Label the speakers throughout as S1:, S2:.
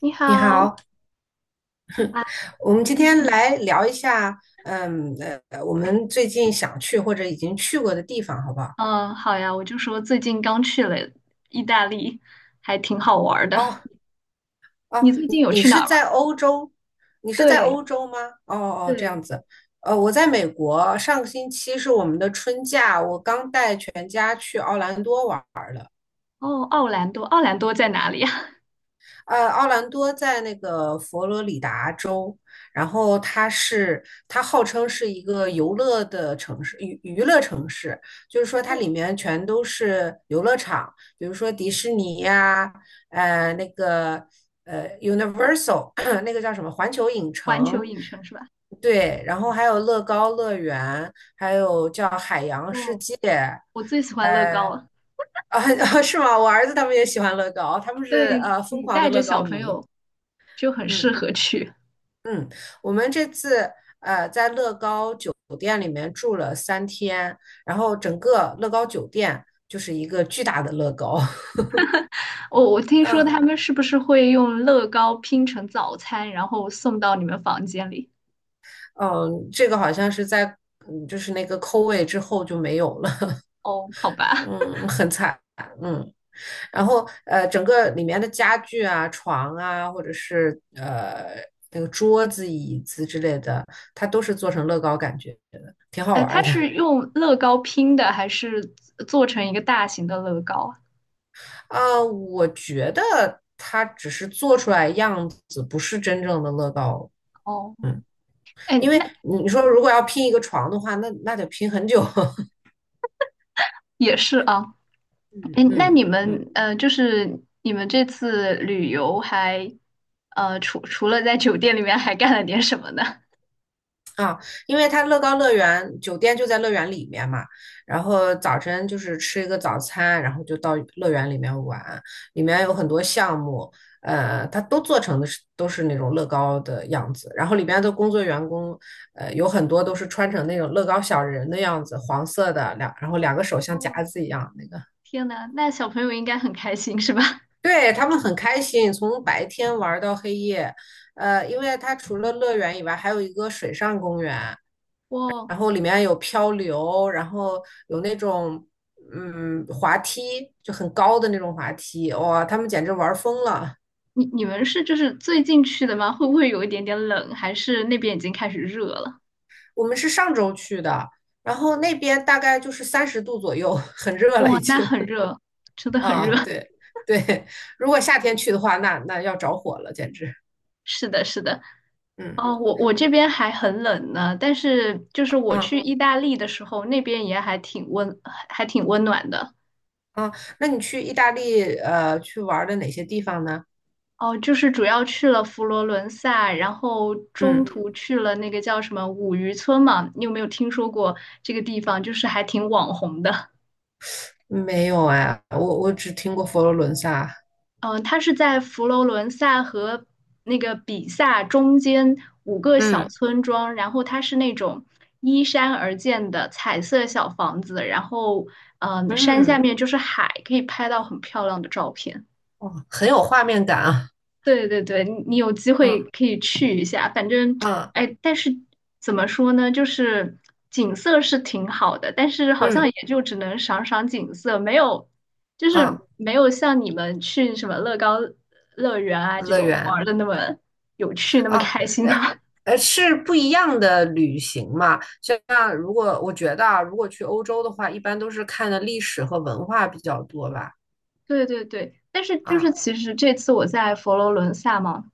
S1: 你
S2: 你
S1: 好。
S2: 好，
S1: 啊，
S2: 我们今
S1: 最
S2: 天
S1: 近，
S2: 来聊一下，嗯我们最近想去或者已经去过的地方，好不好？
S1: 嗯，好呀，我就说最近刚去了意大利，还挺好玩儿的。
S2: 哦哦，
S1: 你最近
S2: 你
S1: 有
S2: 你
S1: 去哪
S2: 是
S1: 儿吗？
S2: 在欧洲？你是在
S1: 对
S2: 欧洲吗？哦哦，这
S1: 对，
S2: 样子。我在美国，上个星期是我们的春假，我刚带全家去奥兰多玩。
S1: 哦，奥兰多，奥兰多在哪里呀？
S2: 奥兰多在那个佛罗里达州，然后它号称是一个游乐的城市，娱乐城市，就是说它里 面全都是游乐场，比如说迪士尼呀、呃那个Universal 那个叫什么环球影
S1: 环球
S2: 城，
S1: 影城是吧？
S2: 对，然后还有乐高乐园，还有叫海洋世
S1: 哦，
S2: 界，
S1: 我最喜欢乐高
S2: 呃
S1: 了。
S2: 啊 是吗？我儿子他们也喜欢乐高，他们是
S1: 对，
S2: 疯
S1: 你
S2: 狂的
S1: 带着
S2: 乐
S1: 小
S2: 高
S1: 朋
S2: 迷。
S1: 友就很适
S2: 嗯
S1: 合去。
S2: 嗯，我们这次在乐高酒店里面住了3天，然后整个乐高酒店就是一个巨大的乐高。
S1: 我听说他
S2: 嗯
S1: 们是不是会用乐高拼成早餐，然后送到你们房间里？
S2: 嗯，这个好像是在就是那个扣位之后就没有了，
S1: 哦，好 吧。
S2: 嗯，很惨。嗯，然后整个里面的家具啊、床啊，或者是那个桌子、椅子之类的，它都是做成乐高感觉的，挺好
S1: 哎，
S2: 玩
S1: 它
S2: 儿的。
S1: 是用乐高拼的，还是做成一个大型的乐高啊。
S2: 我觉得它只是做出来样子，不是真正的乐高。
S1: 哦，
S2: 嗯，
S1: 哎，
S2: 因为
S1: 那
S2: 你说如果要拼一个床的话，那得拼很久。
S1: 也是啊。
S2: 嗯
S1: 哎，那
S2: 嗯
S1: 你
S2: 嗯。
S1: 们就是你们这次旅游还除了在酒店里面，还干了点什么呢？
S2: 啊，因为它乐高乐园酒店就在乐园里面嘛，然后早晨就是吃一个早餐，然后就到乐园里面玩，里面有很多项目，它都做成的是都是那种乐高的样子，然后里面的工作员工，有很多都是穿成那种乐高小人的样子，黄色的然后两个手像夹
S1: 哦，
S2: 子一样那个，
S1: 天呐，那小朋友应该很开心是吧？
S2: 对，他们很开心，从白天玩到黑夜，因为它除了乐园以外，还有一个水上公园。
S1: 哇，
S2: 然后里面有漂流，然后有那种滑梯，就很高的那种滑梯，哇，他们简直玩疯了。
S1: 你们是就是最近去的吗？会不会有一点点冷？还是那边已经开始热了？
S2: 我们是上周去的，然后那边大概就是30度左右，很热了
S1: 哇，
S2: 已
S1: 那
S2: 经
S1: 很热，真的 很
S2: 啊，
S1: 热。
S2: 对对，如果夏天去的话，那要着火了，简直，
S1: 是的，是的。
S2: 嗯
S1: 哦，我这边还很冷呢，但是就是我去
S2: 啊
S1: 意大利的时候，那边也还挺温，还挺温暖的。
S2: 啊，那你去意大利去玩的哪些地方呢？
S1: 哦，就是主要去了佛罗伦萨，然后中
S2: 嗯，
S1: 途去了那个叫什么五渔村嘛，你有没有听说过这个地方？就是还挺网红的。
S2: 没有哎，我只听过佛罗伦萨，
S1: 它是在佛罗伦萨和那个比萨中间五个小
S2: 嗯
S1: 村庄，然后它是那种依山而建的彩色小房子，然后山下
S2: 嗯。
S1: 面就是海，可以拍到很漂亮的照片。
S2: 哦，很有画面感啊！
S1: 对对对，你有机
S2: 嗯
S1: 会可以去一下，反正，
S2: 嗯
S1: 哎，但是怎么说呢，就是景色是挺好的，但是好像
S2: 嗯
S1: 也就只能赏赏景色，没有，就是
S2: 嗯，
S1: 没有像你们去什么乐高乐园啊这
S2: 乐
S1: 种玩
S2: 园
S1: 的那么有趣，那么
S2: 啊，
S1: 开心
S2: 呃
S1: 啊。
S2: 是不一样的旅行嘛。就像如果我觉得啊，如果去欧洲的话，一般都是看的历史和文化比较多吧。
S1: 对对对，但是就是
S2: 啊，
S1: 其实这次我在佛罗伦萨嘛，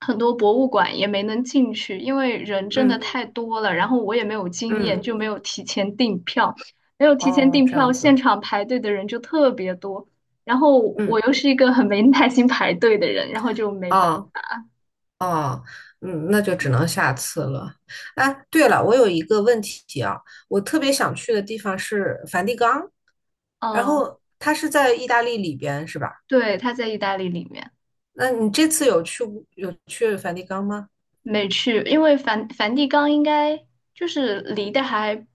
S1: 很多博物馆也没能进去，因为人真的
S2: 嗯
S1: 太多了，然后我也没有经验，
S2: 嗯，
S1: 就没有提前订票，
S2: 哦，这样
S1: 现
S2: 子，
S1: 场排队的人就特别多，然后我
S2: 嗯，
S1: 又是一个很没耐心排队的人，然后就没办
S2: 啊啊嗯，那就只能下次了。哎，对了，我有一个问题啊，我特别想去的地方是梵蒂冈，
S1: 法。
S2: 然
S1: 嗯，
S2: 后它是在意大利里边，是吧？
S1: 对，他在意大利里面。
S2: 那你这次有去梵蒂冈吗？
S1: 没去，因为梵蒂冈应该就是离得还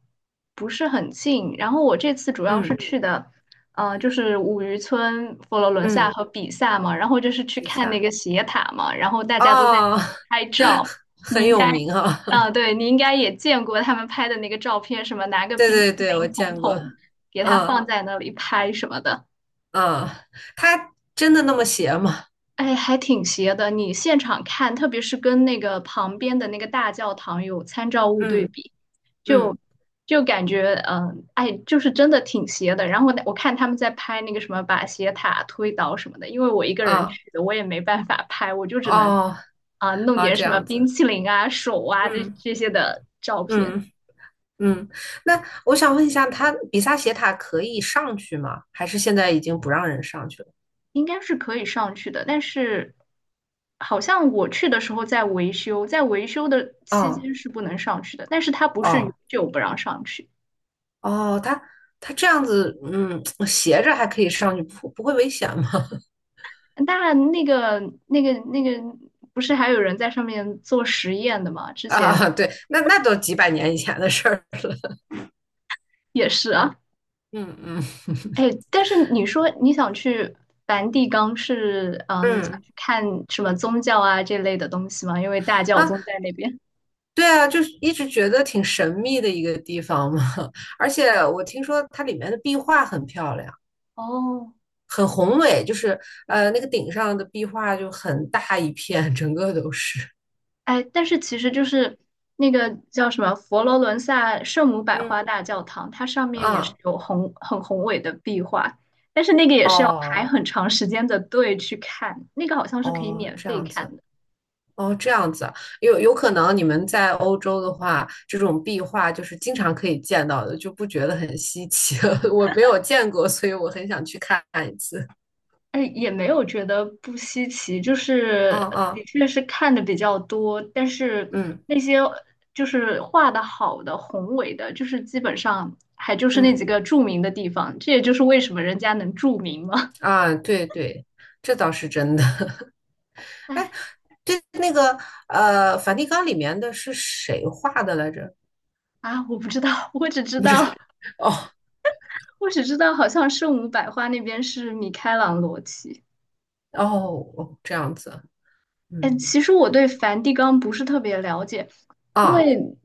S1: 不是很近。然后我这次主要是
S2: 嗯
S1: 去的，就是五渔村、佛罗伦萨
S2: 嗯，
S1: 和比萨嘛，然后就是去
S2: 比
S1: 看那
S2: 萨
S1: 个斜塔嘛，然后大家都在
S2: 哦，
S1: 拍 照。你
S2: 很
S1: 应
S2: 有
S1: 该，
S2: 名啊、哦
S1: 对，你应该也见过他们拍的那个照片，什么拿 个
S2: 对
S1: 冰淇
S2: 对对，我
S1: 淋桶
S2: 见过。
S1: 桶给它
S2: 嗯
S1: 放在那里拍什么的。
S2: 嗯，他真的那么邪吗？
S1: 哎，还挺邪的。你现场看，特别是跟那个旁边的那个大教堂有参照物对
S2: 嗯
S1: 比，就
S2: 嗯
S1: 就感觉，哎，就是真的挺邪的。然后我看他们在拍那个什么把斜塔推倒什么的，因为我一个人
S2: 啊
S1: 去的，我也没办法拍，我就只能
S2: 哦
S1: 弄
S2: 啊，
S1: 点
S2: 这
S1: 什么
S2: 样
S1: 冰
S2: 子。
S1: 淇淋啊、手啊这
S2: 嗯
S1: 这些的照片。
S2: 嗯嗯，那我想问一下，他比萨斜塔可以上去吗？还是现在已经不让人上去了？
S1: 应该是可以上去的，但是好像我去的时候在维修，在维修的期
S2: 哦
S1: 间是不能上去的，但是它不是永
S2: 哦
S1: 久不让上去。
S2: 哦，它这样子，嗯，斜着还可以上去，不会危险吗？
S1: 那那个那个不是还有人在上面做实验的吗？之前
S2: 啊，对，那都几百年以前的事儿。
S1: 也是啊。
S2: 嗯嗯
S1: 哎，但是你说你想去梵蒂冈是嗯想
S2: 嗯，
S1: 去看什么宗教啊这类的东西吗？因为大教
S2: 啊，
S1: 宗在那边。
S2: 对啊，就是一直觉得挺神秘的一个地方嘛。而且我听说它里面的壁画很漂亮，
S1: 哦，
S2: 很宏伟，就是那个顶上的壁画就很大一片，整个都是。
S1: 哎，但是其实就是那个叫什么佛罗伦萨圣母 百
S2: 嗯
S1: 花大教堂，它上面也是
S2: 啊，
S1: 有很宏伟的壁画，但是那个也是要排
S2: 哦
S1: 很长时间的队去看，那个好像是可以
S2: 哦，
S1: 免
S2: 这
S1: 费
S2: 样子。
S1: 看的。
S2: 哦，这样子啊有可能你们在欧洲的话，这种壁画就是经常可以见到的，就不觉得很稀奇。我没有见过，所以我很想去看一次。
S1: 哎，也没有觉得不稀奇，就是
S2: 嗯
S1: 的
S2: 嗯
S1: 确是看的比较多，但是
S2: 嗯
S1: 那些就是画的好的宏伟的，就是基本上还就是那
S2: 嗯
S1: 几个著名的地方，这也就是为什么人家能著名嘛。
S2: 啊，对对，这倒是真的。哎，
S1: 哎。
S2: 对，那个梵蒂冈里面的是谁画的来着？
S1: 我不知道，
S2: 不知道。哦
S1: 我只知道，好像圣母百花那边是米开朗罗奇。
S2: 哦哦，这样子。
S1: 哎，
S2: 嗯
S1: 其实我对梵蒂冈不是特别了解，因
S2: 啊，
S1: 为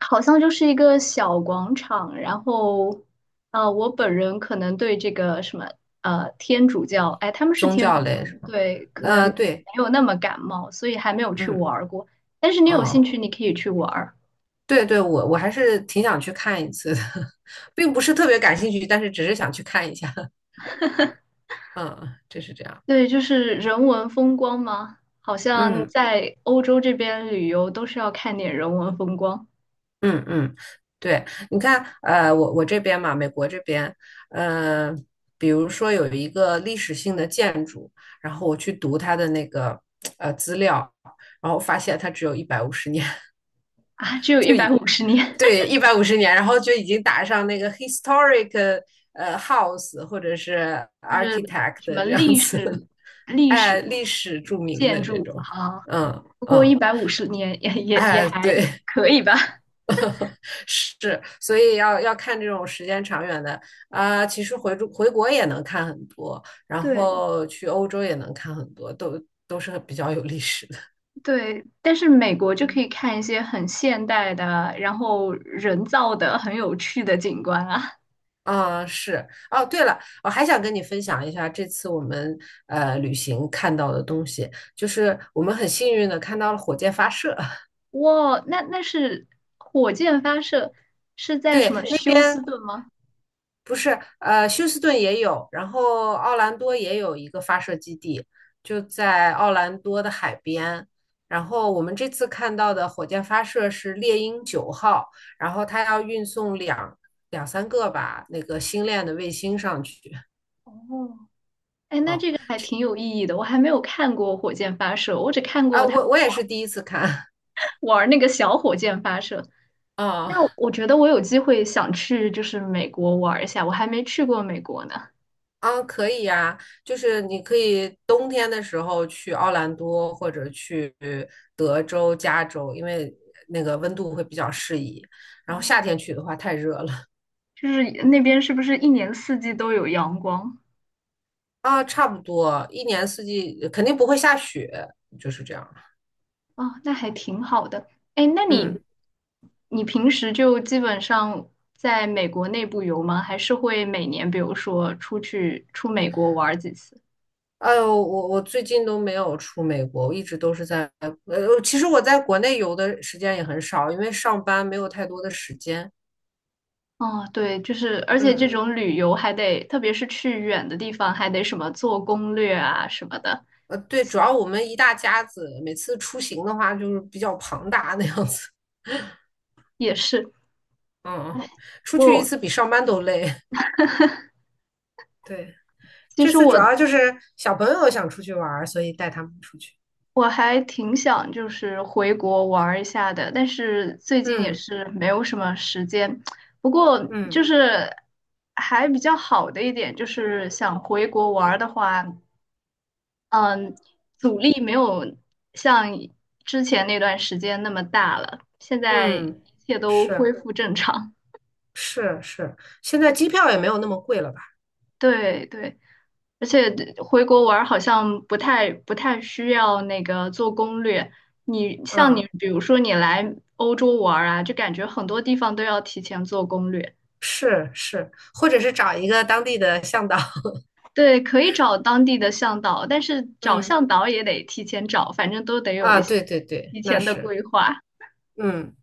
S1: 好像就是一个小广场。然后，啊，我本人可能对这个什么，天主教，哎，他们是
S2: 宗
S1: 天
S2: 教
S1: 主教
S2: 类
S1: 的，
S2: 是吧？
S1: 对，可能
S2: 对，
S1: 没有那么感冒，所以还没有去
S2: 嗯
S1: 玩儿过。但是你有兴
S2: 哦。
S1: 趣，你可以去玩儿。
S2: 对对，我还是挺想去看一次的，并不是特别感兴趣，但是只是想去看一下。嗯，就是这样。
S1: 对，就是人文风光嘛，好像
S2: 嗯
S1: 在欧洲这边旅游都是要看点人文风光
S2: 嗯嗯，对，你看，我这边嘛，美国这边，呃，比如说有一个历史性的建筑，然后我去读它的那个资料，然后发现它只有一百五十年，
S1: 啊。只有
S2: 就
S1: 一百五十年，
S2: 对，150年，然后就已经打上那个 historic house 或者是
S1: 就是
S2: architect
S1: 什么
S2: 这样子，
S1: 历
S2: 哎，
S1: 史
S2: 历史著名
S1: 建
S2: 的这
S1: 筑
S2: 种，
S1: 啊，
S2: 嗯
S1: 不过一
S2: 嗯，
S1: 百五十年也
S2: 哎，
S1: 还
S2: 对，
S1: 可以吧。
S2: 是，所以要看这种时间长远的啊、其实回国也能看很多，然
S1: 对
S2: 后去欧洲也能看很多，都是比较有历史的，
S1: 对，但是美国就可
S2: 嗯。
S1: 以看一些很现代的，然后人造的很有趣的景观啊。
S2: 啊，是哦。对了，我还想跟你分享一下这次我们旅行看到的东西，就是我们很幸运的看到了火箭发射。
S1: 哇，那那是火箭发射是在什
S2: 对，
S1: 么
S2: 那
S1: 休斯
S2: 边
S1: 顿吗？
S2: 不是休斯顿也有，然后奥兰多也有一个发射基地，就在奥兰多的海边。然后我们这次看到的火箭发射是猎鹰9号，然后它要运送两三个吧那个星链的卫星上去。
S1: 哦，哎，那
S2: 哦，
S1: 这个还挺有意义的。我还没有看过火箭发射，我只看
S2: 啊，
S1: 过他
S2: 我也 是第一次看。
S1: 玩那个小火箭发射。
S2: 啊
S1: 那我觉得我有机会想去，就是美国玩一下，我还没去过美国呢。
S2: 啊，可以呀，就是你可以冬天的时候去奥兰多或者去德州、加州，因为那个温度会比较适宜。然后夏
S1: 哦，
S2: 天去的话太热了
S1: 就是那边是不是一年四季都有阳光？
S2: 啊，差不多一年四季肯定不会下雪，就是这样。
S1: 哦，那还挺好的。哎，那你
S2: 嗯，
S1: 你平时就基本上在美国内部游吗？还是会每年比如说出去出美国玩几次？
S2: 哎呦，我最近都没有出美国，我一直都是在其实我在国内游的时间也很少，因为上班没有太多的时间。
S1: 哦，对，就是，而且这
S2: 嗯。
S1: 种旅游还得，特别是去远的地方，还得什么做攻略啊什么的，
S2: 对，主要我们一大家子，每次出行的话就是比较庞大那样子。
S1: 也是。
S2: 嗯，
S1: 哎，
S2: 出去一
S1: 我
S2: 次比上班都累。对，
S1: 其
S2: 这
S1: 实
S2: 次主
S1: 我
S2: 要就是小朋友想出去玩儿，所以带他们出去。
S1: 我还挺想就是回国玩儿一下的，但是最近也
S2: 嗯
S1: 是没有什么时间。不过就
S2: 嗯
S1: 是还比较好的一点就是想回国玩儿的话，嗯，阻力没有像之前那段时间那么大了，现在一
S2: 嗯，
S1: 切都恢
S2: 是
S1: 复正常。
S2: 是是，现在机票也没有那么贵了吧？
S1: 对对，而且回国玩儿好像不太需要那个做攻略。你像你，
S2: 嗯，
S1: 比如说你来欧洲玩儿啊，就感觉很多地方都要提前做攻略。
S2: 是是，或者是找一个当地的向导。
S1: 对，可以找当地的向导，但是找
S2: 嗯
S1: 向导也得提前找，反正都得有
S2: 啊，
S1: 一些
S2: 对对对，
S1: 提
S2: 那
S1: 前的
S2: 是。
S1: 规划。
S2: 嗯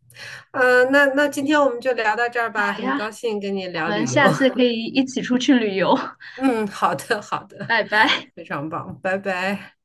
S2: 那今天我们就聊到这儿吧，
S1: 好
S2: 很
S1: 呀，
S2: 高兴跟你
S1: 我
S2: 聊
S1: 们
S2: 旅游。
S1: 下次 可以一起出去旅游。
S2: 嗯，好的，好 的，
S1: 拜拜。
S2: 非常棒，拜拜。